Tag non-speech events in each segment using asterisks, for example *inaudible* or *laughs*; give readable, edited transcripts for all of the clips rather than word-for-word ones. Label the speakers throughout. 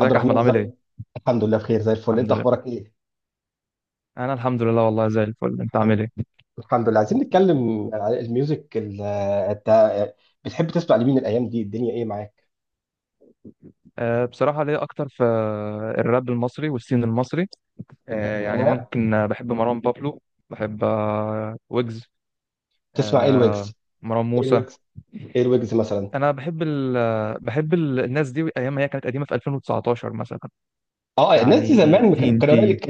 Speaker 1: عبد
Speaker 2: يا احمد،
Speaker 1: الرحمن
Speaker 2: عامل
Speaker 1: ازاي.
Speaker 2: ايه؟
Speaker 1: الحمد لله بخير زي الفل،
Speaker 2: الحمد
Speaker 1: انت
Speaker 2: لله.
Speaker 1: اخبارك ايه؟
Speaker 2: انا الحمد لله والله زي الفل، انت
Speaker 1: الحم-
Speaker 2: عامل ايه؟
Speaker 1: الحمد لله. عايزين نتكلم على الميوزك انت بتحب تسمع لمين الايام دي؟ الدنيا ايه معاك؟
Speaker 2: أه، بصراحه ليا اكتر في الراب المصري والسين المصري. أه يعني
Speaker 1: الراب.
Speaker 2: ممكن، بحب مروان بابلو، بحب ويجز،
Speaker 1: تسمع ايه؟
Speaker 2: أه
Speaker 1: الويجز؟
Speaker 2: مروان
Speaker 1: ايه
Speaker 2: موسى.
Speaker 1: الويجز؟ ايه الويجز مثلا؟
Speaker 2: انا بحب ال آه، بحب ال الناس دي ايام ما هي كانت قديمه في 2019 مثلا،
Speaker 1: اه الناس دي
Speaker 2: يعني
Speaker 1: زمان ما
Speaker 2: تي
Speaker 1: كان
Speaker 2: ان
Speaker 1: كان قليل.
Speaker 2: تي.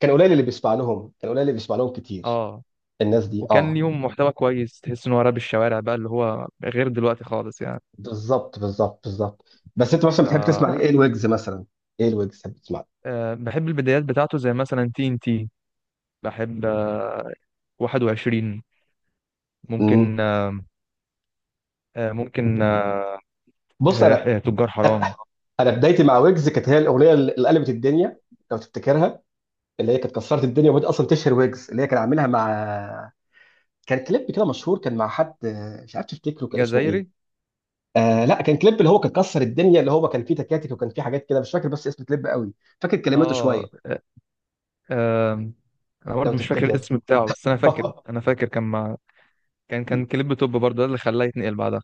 Speaker 1: كان قليل اللي بيسمع لهم، كان قليل اللي بيسمع لهم كتير.
Speaker 2: اه،
Speaker 1: الناس دي
Speaker 2: وكان
Speaker 1: اه.
Speaker 2: ليهم محتوى كويس، تحس ان هو راب الشوارع بقى، اللي هو غير دلوقتي خالص يعني.
Speaker 1: بالظبط بالظبط بالظبط. بس انت مثلا
Speaker 2: ف
Speaker 1: بتحب تسمع ليه؟ ايه الويجز مثلا؟ ايه الويجز بتحب تسمع؟
Speaker 2: بحب البدايات بتاعته زي مثلا تي ان تي، بحب 21،
Speaker 1: امم
Speaker 2: ممكن، آه، ممكن آه،
Speaker 1: بص انا،
Speaker 2: تجار حرام.
Speaker 1: انا بدايتي مع ويجز كانت هي الاغنيه اللي قلبت الدنيا. لو تفتكرها، اللي هي كانت كسرت الدنيا وبدأت اصلا تشهر ويجز، اللي هي كان عاملها مع، كان كليب كده مشهور كان مع حد مش عارف تفتكره كان اسمه ايه؟
Speaker 2: جزائري.
Speaker 1: لا، كان كليب اللي هو كان كسر الدنيا، اللي هو كان فيه تكاتك وكان فيه حاجات كده مش فاكر، بس اسم كليب قوي. فاكر كلماته
Speaker 2: اه
Speaker 1: شويه.
Speaker 2: آه، آه، انا
Speaker 1: لو
Speaker 2: برضه مش فاكر
Speaker 1: تفتكر.
Speaker 2: الاسم بتاعه، بس انا فاكر،
Speaker 1: *laughs*
Speaker 2: كان مع. كان كليب توب برضه، ده اللي خلاه يتنقل بعدها.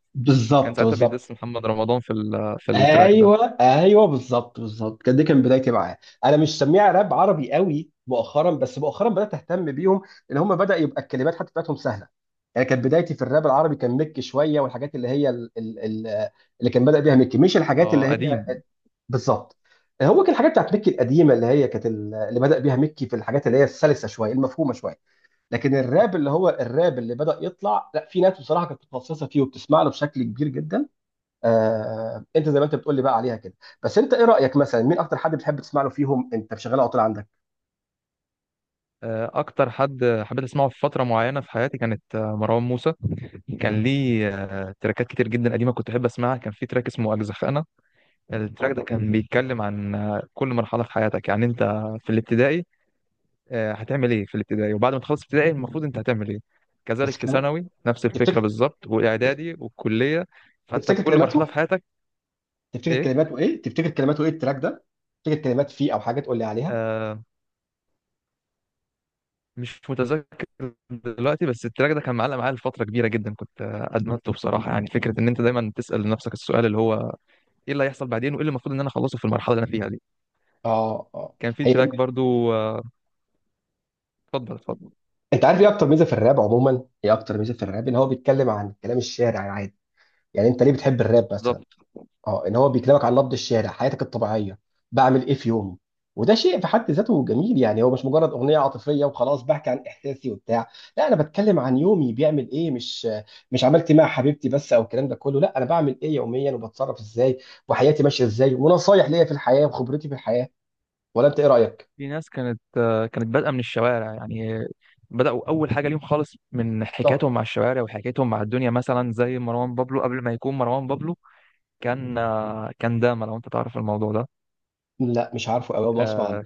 Speaker 2: كان
Speaker 1: بالظبط
Speaker 2: ساعتها
Speaker 1: بالظبط.
Speaker 2: بيدس محمد رمضان في في التراك ده.
Speaker 1: ايوه ايوه بالظبط بالظبط. كان دي كان بدايتي معاه. انا مش سميع راب عربي قوي مؤخرا، بس مؤخرا بدات اهتم بيهم. ان هم بدا يبقى الكلمات حتى بتاعتهم سهله. يعني كانت بدايتي في الراب العربي كان ميك شويه، والحاجات اللي هي ال اللي كان بدا بيها ميك، مش الحاجات اللي
Speaker 2: اه
Speaker 1: هي،
Speaker 2: قديم.
Speaker 1: بالظبط. هو كان الحاجات بتاعت ميك القديمه، اللي هي كانت اللي بدا بيها ميك في الحاجات اللي هي السلسه شويه، المفهومه شويه. لكن الراب اللي هو الراب اللي بدا يطلع، لا في ناس بصراحه كانت متخصصه فيه وبتسمع له بشكل كبير جدا. انت زي ما انت بتقول لي بقى عليها كده. بس انت ايه رايك مثلا؟ مين اكتر حد بتحب تسمع له فيهم انت شغال على طول عندك؟
Speaker 2: اكتر حد حبيت اسمعه في فتره معينه في حياتي كانت مروان موسى. كان ليه تراكات كتير جدا قديمه، كنت احب اسمعها. كان في تراك اسمه اجزخانه. التراك ده كان بيتكلم عن كل مرحلة في حياتك، يعني انت في الابتدائي، هتعمل ايه في الابتدائي، وبعد ما تخلص ابتدائي المفروض انت هتعمل ايه.
Speaker 1: بس
Speaker 2: كذلك في
Speaker 1: كلمات.
Speaker 2: ثانوي نفس الفكرة
Speaker 1: تفتكر.
Speaker 2: بالظبط، واعدادي والكلية. فانت
Speaker 1: تفتكر
Speaker 2: كل مرحلة في
Speaker 1: كلماته؟
Speaker 2: حياتك.
Speaker 1: تفتكر
Speaker 2: ايه؟
Speaker 1: كلماته ايه؟ تفتكر كلماته ايه التراك ده؟ تفتكر كلمات فيه او حاجه تقول لي عليها؟
Speaker 2: آه، مش متذكر دلوقتي. بس التراك ده كان معلق معايا لفترة كبيرة جدا، كنت ادمنته بصراحة. يعني فكرة ان انت دايما تسأل نفسك السؤال اللي هو ايه اللي هيحصل بعدين، وايه اللي المفروض ان انا اخلصه في المرحلة اللي انا فيها دي.
Speaker 1: اه اه.
Speaker 2: كان في
Speaker 1: هي،
Speaker 2: تراك برضو، اتفضل اتفضل.
Speaker 1: انت عارف ايه اكتر ميزه في الراب عموما؟ ايه اكتر ميزه في الراب؟ ان هو بيتكلم عن كلام الشارع عادي. يعني انت ليه بتحب الراب مثلا؟
Speaker 2: بالظبط.
Speaker 1: اه، ان هو بيكلمك عن نبض الشارع، حياتك الطبيعيه. بعمل ايه في يومي. وده شيء في حد ذاته جميل يعني. هو مش مجرد اغنيه عاطفيه وخلاص، بحكي عن احساسي وبتاع. لا انا بتكلم عن يومي بيعمل ايه، مش، مش عملت إيه مع حبيبتي بس او الكلام ده كله، لا انا بعمل ايه يوميا وبتصرف ازاي، وحياتي ماشيه ازاي، ونصايح ليا في الحياه وخبرتي في الحياه. ولا انت ايه رايك؟
Speaker 2: في ناس كانت، كانت بادئه من الشوارع يعني، بداوا اول حاجه ليهم خالص من
Speaker 1: طب.
Speaker 2: حكايتهم مع الشوارع وحكايتهم مع الدنيا، مثلا زي مروان بابلو قبل ما يكون مروان بابلو. كان كان داما، لو انت تعرف الموضوع ده.
Speaker 1: لا مش عارفه قوي، اول مره اسمع عنه.
Speaker 2: آه،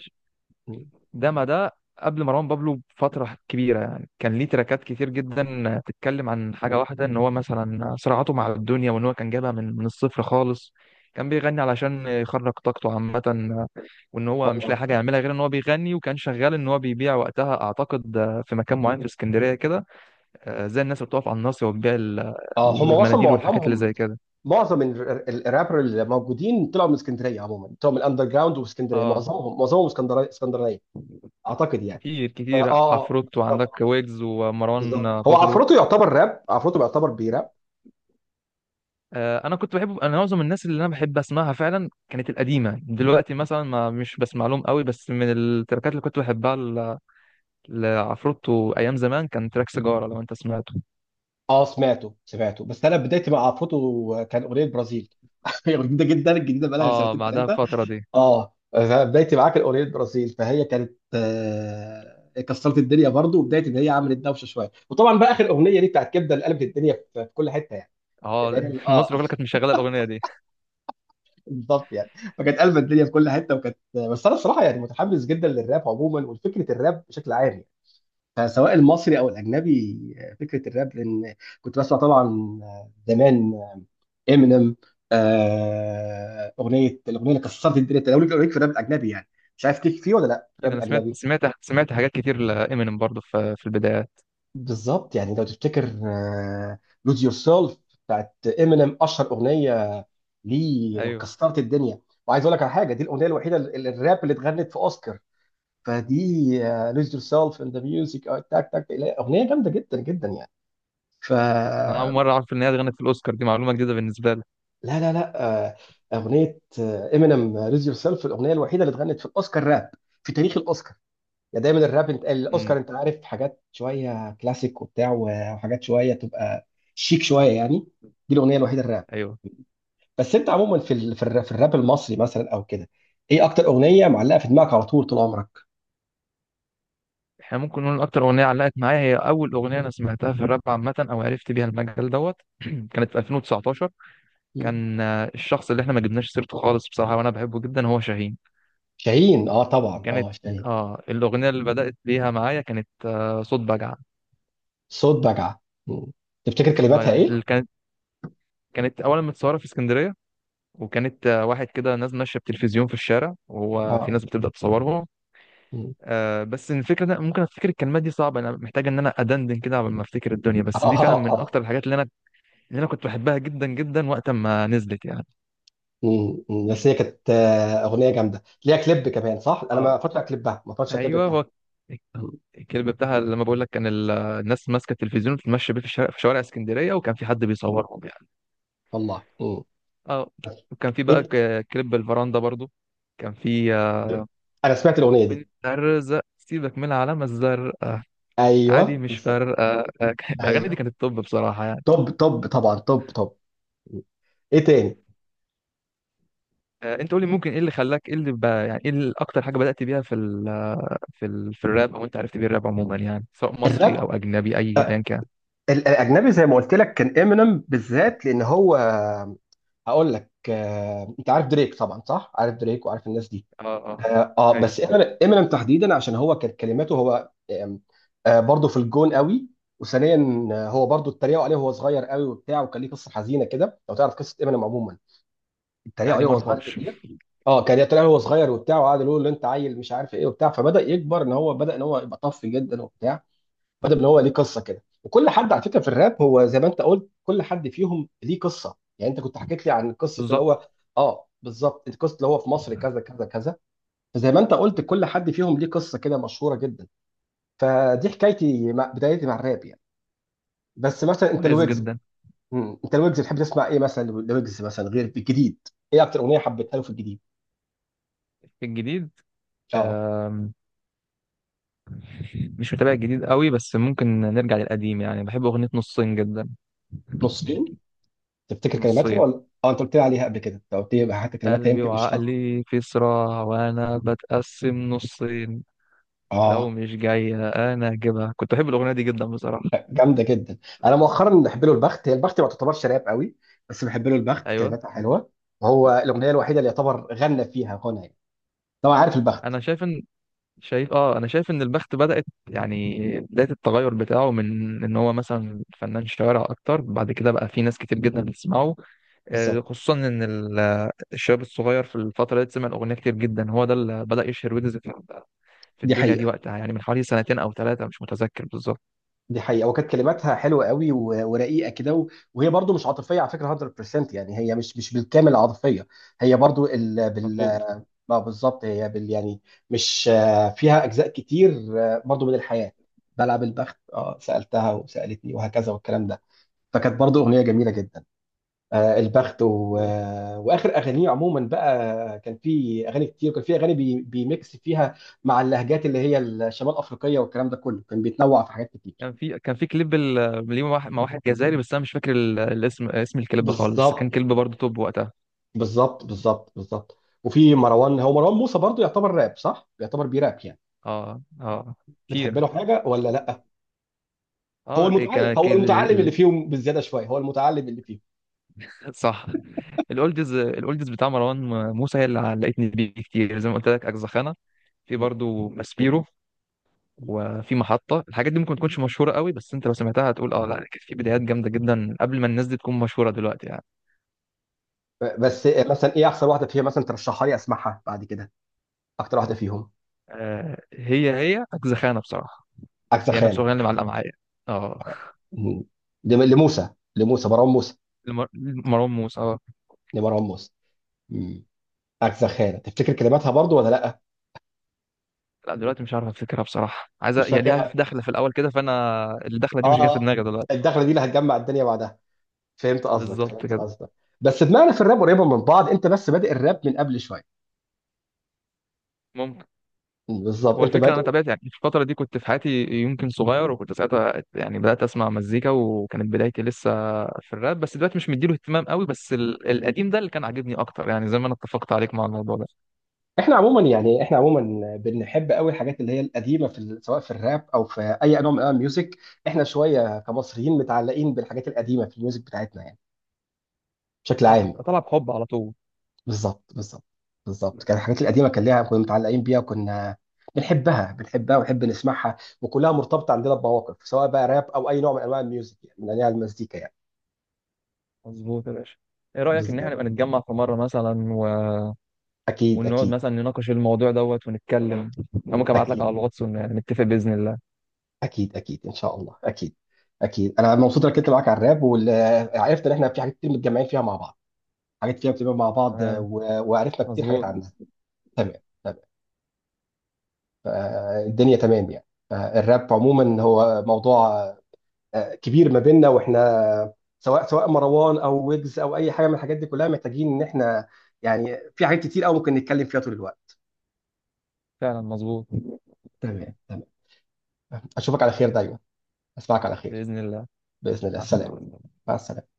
Speaker 2: داما ده قبل مروان بابلو بفتره كبيره يعني، كان ليه تراكات كتير جدا تتكلم عن حاجه واحده، ان هو مثلا صراعاته مع الدنيا، وان هو كان جايبها من الصفر خالص. كان بيغني علشان يخرج طاقته عامه، وان هو مش لاقي
Speaker 1: والله.
Speaker 2: حاجه يعملها غير ان هو بيغني، وكان شغال ان هو بيبيع وقتها اعتقد، في مكان معين في اسكندريه كده. زي الناس اللي بتقف على الناصيه وبتبيع
Speaker 1: اه هم اصلا
Speaker 2: المناديل والحاجات اللي
Speaker 1: معظمهم،
Speaker 2: زي كده.
Speaker 1: معظم الرابر اللي موجودين طلعوا من اسكندريه عموما، طلعوا من الاندر جراوند. واسكندريه
Speaker 2: اه
Speaker 1: معظمهم، معظمهم اسكندريه اسكندريه اعتقد يعني.
Speaker 2: كتير
Speaker 1: اه
Speaker 2: كتير عفروت، وعندك
Speaker 1: بالظبط
Speaker 2: ويجز، ومروان
Speaker 1: بالظبط. هو
Speaker 2: بابلو.
Speaker 1: عفروتو يعتبر راب، عفروتو يعتبر بيراب.
Speaker 2: انا كنت بحب، انا معظم الناس اللي انا بحب اسمعها فعلا كانت القديمه، دلوقتي مثلا ما مش بسمع لهم قوي، بس من التراكات اللي كنت بحبها لعفروتو ايام زمان كان تراك سيجاره، لو انت سمعته.
Speaker 1: اه سمعته سمعته. بس انا بدايتي مع عفروتو كان اغنيه برازيل. *laughs* هي جديده جدا، الجديده بقى
Speaker 2: اه
Speaker 1: لها سنتين
Speaker 2: بعدها
Speaker 1: ثلاثه.
Speaker 2: بفتره دي.
Speaker 1: اه بدايتي معاك الاغنيه برازيل، فهي كانت كسرت الدنيا برضو، وبدايه ان هي عملت دوشه شويه. وطبعا بقى اخر اغنيه دي بتاعت كبده اللي قلبت الدنيا في في كل حته يعني. اللي
Speaker 2: اه
Speaker 1: هي
Speaker 2: *laughs*
Speaker 1: اه
Speaker 2: مصر كلها كانت
Speaker 1: *laughs*
Speaker 2: مشغله الاغنيه دي.
Speaker 1: بالظبط يعني. فكانت قلبة الدنيا في كل حته وكانت، بس انا الصراحه يعني متحمس جدا للراب عموما ولفكره الراب بشكل عام يعني. فسواء المصري او الاجنبي، فكره الراب. لان كنت بسمع طبعا زمان امينيم. آه اغنيه، الاغنيه اللي كسرت الدنيا. انت لو ليك، لو ليك في الراب الاجنبي يعني. مش عارف ليك فيه ولا لا
Speaker 2: اكيد
Speaker 1: الراب
Speaker 2: انا سمعت
Speaker 1: الاجنبي.
Speaker 2: سمعت سمعت حاجات كتير لامينيم برضه في البدايات.
Speaker 1: بالظبط يعني. لو تفتكر لوز يور سيلف بتاعت امينيم، اشهر اغنيه ليه، لو
Speaker 2: ايوه.
Speaker 1: كسرت الدنيا. وعايز اقول لك على حاجه، دي الاغنيه الوحيده الراب اللي اتغنت في اوسكار. فدي لوز يور سيلف اند ذا ميوزك تاك تاك، اغنيه جامده جدا جدا يعني. ف
Speaker 2: انا اول
Speaker 1: لا
Speaker 2: مره اعرف ان هي غنت في الاوسكار، دي معلومه جديده بالنسبه لي.
Speaker 1: لا لا، اغنيه امينيم لوز يور سيلف الاغنيه الوحيده اللي اتغنت في الاوسكار راب، في تاريخ الاوسكار. يا دايما الراب، انت الاوسكار
Speaker 2: امم
Speaker 1: انت عارف حاجات شويه كلاسيك وبتاع، وحاجات شويه تبقى شيك شويه يعني. دي الاغنيه الوحيده الراب.
Speaker 2: ايوه.
Speaker 1: بس انت عموما في في الراب، في الراب المصري مثلا او كده، ايه اكتر اغنيه معلقه في دماغك على طول طول عمرك؟
Speaker 2: احنا ممكن نقول اكتر اغنيه علقت معايا هي اول اغنيه انا سمعتها في الراب عامه، او عرفت بيها المجال دوت *clears throat* كانت في 2019.
Speaker 1: مم.
Speaker 2: كان الشخص اللي احنا ما جبناش سيرته خالص بصراحه وانا بحبه جدا هو شاهين.
Speaker 1: شاهين اه طبعا
Speaker 2: وكانت،
Speaker 1: اه شاهين.
Speaker 2: اه، الاغنيه اللي بدات بيها معايا كانت صوت بجعه.
Speaker 1: صوت بجعه. مم. تفتكر
Speaker 2: صوت
Speaker 1: كلماتها
Speaker 2: بجعه اللي
Speaker 1: ايه؟
Speaker 2: كانت، كانت اولا متصوره في اسكندريه، وكانت واحد كده ناس ماشيه بتلفزيون في الشارع، وهو في
Speaker 1: اه.
Speaker 2: ناس بتبدا تصورهم.
Speaker 1: مم.
Speaker 2: بس الفكره ده، ممكن افتكر الكلمات، دي صعبه، انا محتاج ان انا ادندن كده قبل ما افتكر الدنيا.
Speaker 1: اه
Speaker 2: بس دي
Speaker 1: اه
Speaker 2: فعلا
Speaker 1: اه
Speaker 2: من اكتر الحاجات اللي انا، اللي انا كنت بحبها جدا جدا وقت ما نزلت يعني.
Speaker 1: مم. مم. بس هي كانت اغنيه جامده ليها كليب كمان صح؟ انا
Speaker 2: اه
Speaker 1: ما اتفرجتش على كليبها، ما اتفرجتش على الكليب
Speaker 2: ايوه
Speaker 1: بتاعها.
Speaker 2: هو.
Speaker 1: مم.
Speaker 2: الكلب بتاعها، لما بقول لك، كان الناس ماسكه التلفزيون بتمشي بيه في الشارع، في شوارع اسكندريه، وكان في حد بيصورهم يعني.
Speaker 1: والله مم.
Speaker 2: اه.
Speaker 1: بس.
Speaker 2: وكان في بقى
Speaker 1: ايه.
Speaker 2: كليب الفراندا برضو. كان في
Speaker 1: انا سمعت الاغنيه دي.
Speaker 2: بنت الرزق سيبك من العلامه الزرقاء. عادي
Speaker 1: ايوه
Speaker 2: مش
Speaker 1: بالظبط.
Speaker 2: فارقه. *laughs* الاغاني دي
Speaker 1: ايوه.
Speaker 2: كانت توب بصراحه يعني.
Speaker 1: طب طب طبعا طب طب. ايه تاني؟
Speaker 2: انت قولي، ممكن ايه اللي خلاك، ايه اللي بقى يعني ايه اكتر حاجه بدات بيها في الراب، او انت عرفت بيه الراب عموما، يعني سواء مصري
Speaker 1: الراب
Speaker 2: او اجنبي اي ايا كان.
Speaker 1: الاجنبي زي ما قلت لك كان امينيم بالذات، لان هو، هقول لك. انت عارف دريك طبعا صح؟ عارف دريك وعارف الناس دي.
Speaker 2: اه اه
Speaker 1: اه بس
Speaker 2: ايوه.
Speaker 1: امينيم تحديدا عشان هو كانت كلماته هو برضه في الجون قوي. وثانيا هو برضه اتريقوا عليه وهو صغير قوي وبتاع، وكان ليه قصه حزينه كده، لو تعرف قصه امينيم عموما. اتريقوا
Speaker 2: لا دي
Speaker 1: عليه
Speaker 2: ما
Speaker 1: وهو صغير
Speaker 2: اعرفهاش.
Speaker 1: كتير. اه كان اتريقوا عليه وهو صغير وبتاع، وقعد يقول له انت عيل مش عارف ايه وبتاع، فبدا يكبر ان هو بدا ان هو يبقى طف جدا وبتاع. بدا ان هو ليه قصه كده. وكل حد على فكره في الراب، هو زي ما انت قلت، كل حد فيهم ليه قصه. يعني انت كنت حكيت لي عن قصه اللي
Speaker 2: بالظبط.
Speaker 1: هو، اه بالظبط، القصه اللي هو في مصر كذا كذا كذا. فزي ما انت قلت، كل حد فيهم ليه قصه كده مشهوره جدا. فدي حكايتي مع، بدايتي مع الراب يعني. بس مثلا انت
Speaker 2: كويس
Speaker 1: الويجز،
Speaker 2: جدا.
Speaker 1: مم. انت الويجز بتحب تسمع ايه مثلا؟ الويجز مثلا غير الجديد، ايه اكتر اغنيه حبيتها له في الجديد؟
Speaker 2: في الجديد،
Speaker 1: اه.
Speaker 2: آم، مش متابع الجديد قوي، بس ممكن نرجع للقديم يعني. بحب اغنيه نصين جدا.
Speaker 1: نصين. تفتكر كلماتها
Speaker 2: نصين،
Speaker 1: ولا، اه انت قلت لي عليها قبل كده، انت قلت لي حتى كلماتها
Speaker 2: قلبي
Speaker 1: يمكن مش حاضره.
Speaker 2: وعقلي في صراع وانا بتقسم نصين. لو
Speaker 1: اه.
Speaker 2: مش جاية انا هجيبها، كنت بحب الاغنية دي جدا بصراحة.
Speaker 1: جامده جدا. انا مؤخرا بحب له البخت. هي البخت ما تعتبرش راب قوي، بس بحب له البخت،
Speaker 2: ايوه
Speaker 1: كلماتها حلوه. وهو الاغنيه الوحيده اللي يعتبر غنى فيها غنى يعني. طبعا عارف البخت.
Speaker 2: انا شايف ان، شايف اه انا شايف ان البخت بدأت، يعني بداية التغير بتاعه، من ان هو مثلا فنان شوارع اكتر، بعد كده بقى في ناس كتير جدا بتسمعه.
Speaker 1: بالظبط.
Speaker 2: خصوصا ان الشباب الصغير في الفترة دي سمع الاغنية كتير جدا، هو ده اللي بدأ يشهر ويجز في
Speaker 1: دي
Speaker 2: الدنيا دي
Speaker 1: حقيقه،
Speaker 2: وقتها، يعني من حوالي سنتين او ثلاثة، مش متذكر بالظبط.
Speaker 1: دي حقيقه. وكانت كلماتها حلوه قوي و- ورقيقه كده و- وهي برضو مش عاطفيه على فكره 100% يعني. هي مش، مش بالكامل عاطفيه، هي برضو
Speaker 2: مظبوط
Speaker 1: ما بالظبط، هي بال يعني، مش فيها اجزاء كتير برضو من الحياه. بلعب البخت، اه سالتها وسالتني وهكذا والكلام ده. فكانت برضو اغنيه جميله جدا. البخت و...
Speaker 2: مظبوط.
Speaker 1: واخر اغانيه عموما بقى، كان في اغاني كتير، وكان في اغاني بيميكس فيها مع اللهجات اللي هي الشمال افريقيه، والكلام ده كله كان بيتنوع في حاجات كتير.
Speaker 2: كان في كليب ليه مع واحد، مع واحد جزائري، بس انا مش فاكر الاسم، اسم الكليب خالص، بس كان
Speaker 1: بالظبط.
Speaker 2: كليب برضه توب وقتها.
Speaker 1: بالظبط بالظبط بالظبط. وفي مروان، هو مروان موسى برضو يعتبر راب صح؟ يعتبر بيراب يعني.
Speaker 2: اه اه
Speaker 1: بتحب
Speaker 2: كتير.
Speaker 1: له حاجه ولا لا؟ هو
Speaker 2: اه إيه
Speaker 1: المتعلم، هو المتعلم اللي فيهم بالزياده شويه، هو المتعلم اللي فيهم.
Speaker 2: صح. الاولدز، الاولدز بتاع مروان موسى هي اللي علقتني بيه كتير، زي ما قلت لك اجزخانه. في برضو ماسبيرو، وفي محطه. الحاجات دي ممكن تكونش مشهوره قوي، بس انت لو سمعتها هتقول اه، لا كانت في بدايات جامده جدا قبل ما الناس دي تكون مشهوره دلوقتي يعني.
Speaker 1: بس مثلا ايه احسن واحده فيها مثلا ترشحها لي اسمعها بعد كده؟ اكتر واحده فيهم.
Speaker 2: آه هي، هي اجزخانه بصراحه،
Speaker 1: عكس
Speaker 2: هي نفس
Speaker 1: خانه.
Speaker 2: الاغنيه اللي معلقه معايا. اه
Speaker 1: مم. لموسى، لموسى مروان موسى،
Speaker 2: لمروان موسى اه.
Speaker 1: لمروان موسى. مم. عكس خانه تفتكر كلماتها برضو ولا لا؟
Speaker 2: لا دلوقتي مش عارف افتكرها بصراحه، عايزه
Speaker 1: مش
Speaker 2: يعني ليها
Speaker 1: فاكرها.
Speaker 2: دخله في الاول كده، فانا الدخله دي مش جايه في
Speaker 1: اه.
Speaker 2: دماغي دلوقتي.
Speaker 1: الدخله دي اللي هتجمع الدنيا بعدها. فهمت قصدك،
Speaker 2: بالظبط
Speaker 1: فهمت
Speaker 2: كده.
Speaker 1: قصدك. بس دماغنا في الراب قريبه من بعض، انت بس بادئ الراب من قبل شويه.
Speaker 2: ممكن.
Speaker 1: مم، بالظبط
Speaker 2: هو
Speaker 1: انت
Speaker 2: الفكره
Speaker 1: بادئ.
Speaker 2: انا تابعت يعني في الفتره دي، كنت في حياتي يمكن صغير، وكنت ساعتها يعني بدات اسمع مزيكا، وكانت بدايتي لسه في الراب، بس دلوقتي مش مديله اهتمام قوي، بس القديم ده اللي كان عاجبني اكتر يعني، زي ما انا اتفقت عليك مع الموضوع ده.
Speaker 1: احنا عموما يعني، احنا عموما بنحب قوي الحاجات اللي هي القديمه في سواء في الراب او في اي نوع من انواع الميوزك. احنا شويه كمصريين متعلقين بالحاجات القديمه في الميوزك بتاعتنا يعني، بشكل
Speaker 2: اه
Speaker 1: عام
Speaker 2: كنت
Speaker 1: يعني.
Speaker 2: طالع بحب على طول.
Speaker 1: بالظبط بالظبط. بالظبط كان الحاجات القديمه كان ليها، كنا متعلقين بيها وكنا بنحبها بنحبها ونحب نسمعها، وكلها مرتبطه عندنا بمواقف، سواء بقى راب او اي نوع من انواع الميوزك يعني، من انواع المزيكا يعني.
Speaker 2: مظبوط يا باشا. ايه رايك ان احنا
Speaker 1: بالظبط.
Speaker 2: نبقى نتجمع في مره مثلا، و...
Speaker 1: اكيد
Speaker 2: ونقعد
Speaker 1: اكيد.
Speaker 2: مثلا نناقش الموضوع دوت، ونتكلم. انا ممكن ابعت لك
Speaker 1: اكيد
Speaker 2: على الواتس نتفق باذن الله.
Speaker 1: اكيد اكيد ان شاء الله اكيد. اكيد انا مبسوط انك كنت معاك على الراب، وعرفت ان احنا في حاجات كتير متجمعين فيها مع بعض، حاجات كده بتبقى مع بعض
Speaker 2: تمام.
Speaker 1: و- وعرفنا كتير حاجات
Speaker 2: مظبوط.
Speaker 1: عنها. تمام. تمام. فالدنيا تمام يعني. فالراب عموما هو موضوع كبير ما بيننا واحنا، سواء سواء مروان او ويجز او اي حاجه من الحاجات دي كلها، محتاجين ان احنا يعني في حاجات كتير قوي ممكن نتكلم فيها طول الوقت.
Speaker 2: فعلا مظبوط.
Speaker 1: تمام تمام. اشوفك على خير دايما. اسمعك على خير.
Speaker 2: باذن الله.
Speaker 1: باذن الله.
Speaker 2: مع
Speaker 1: السلام.
Speaker 2: السلامه.
Speaker 1: مع السلامه.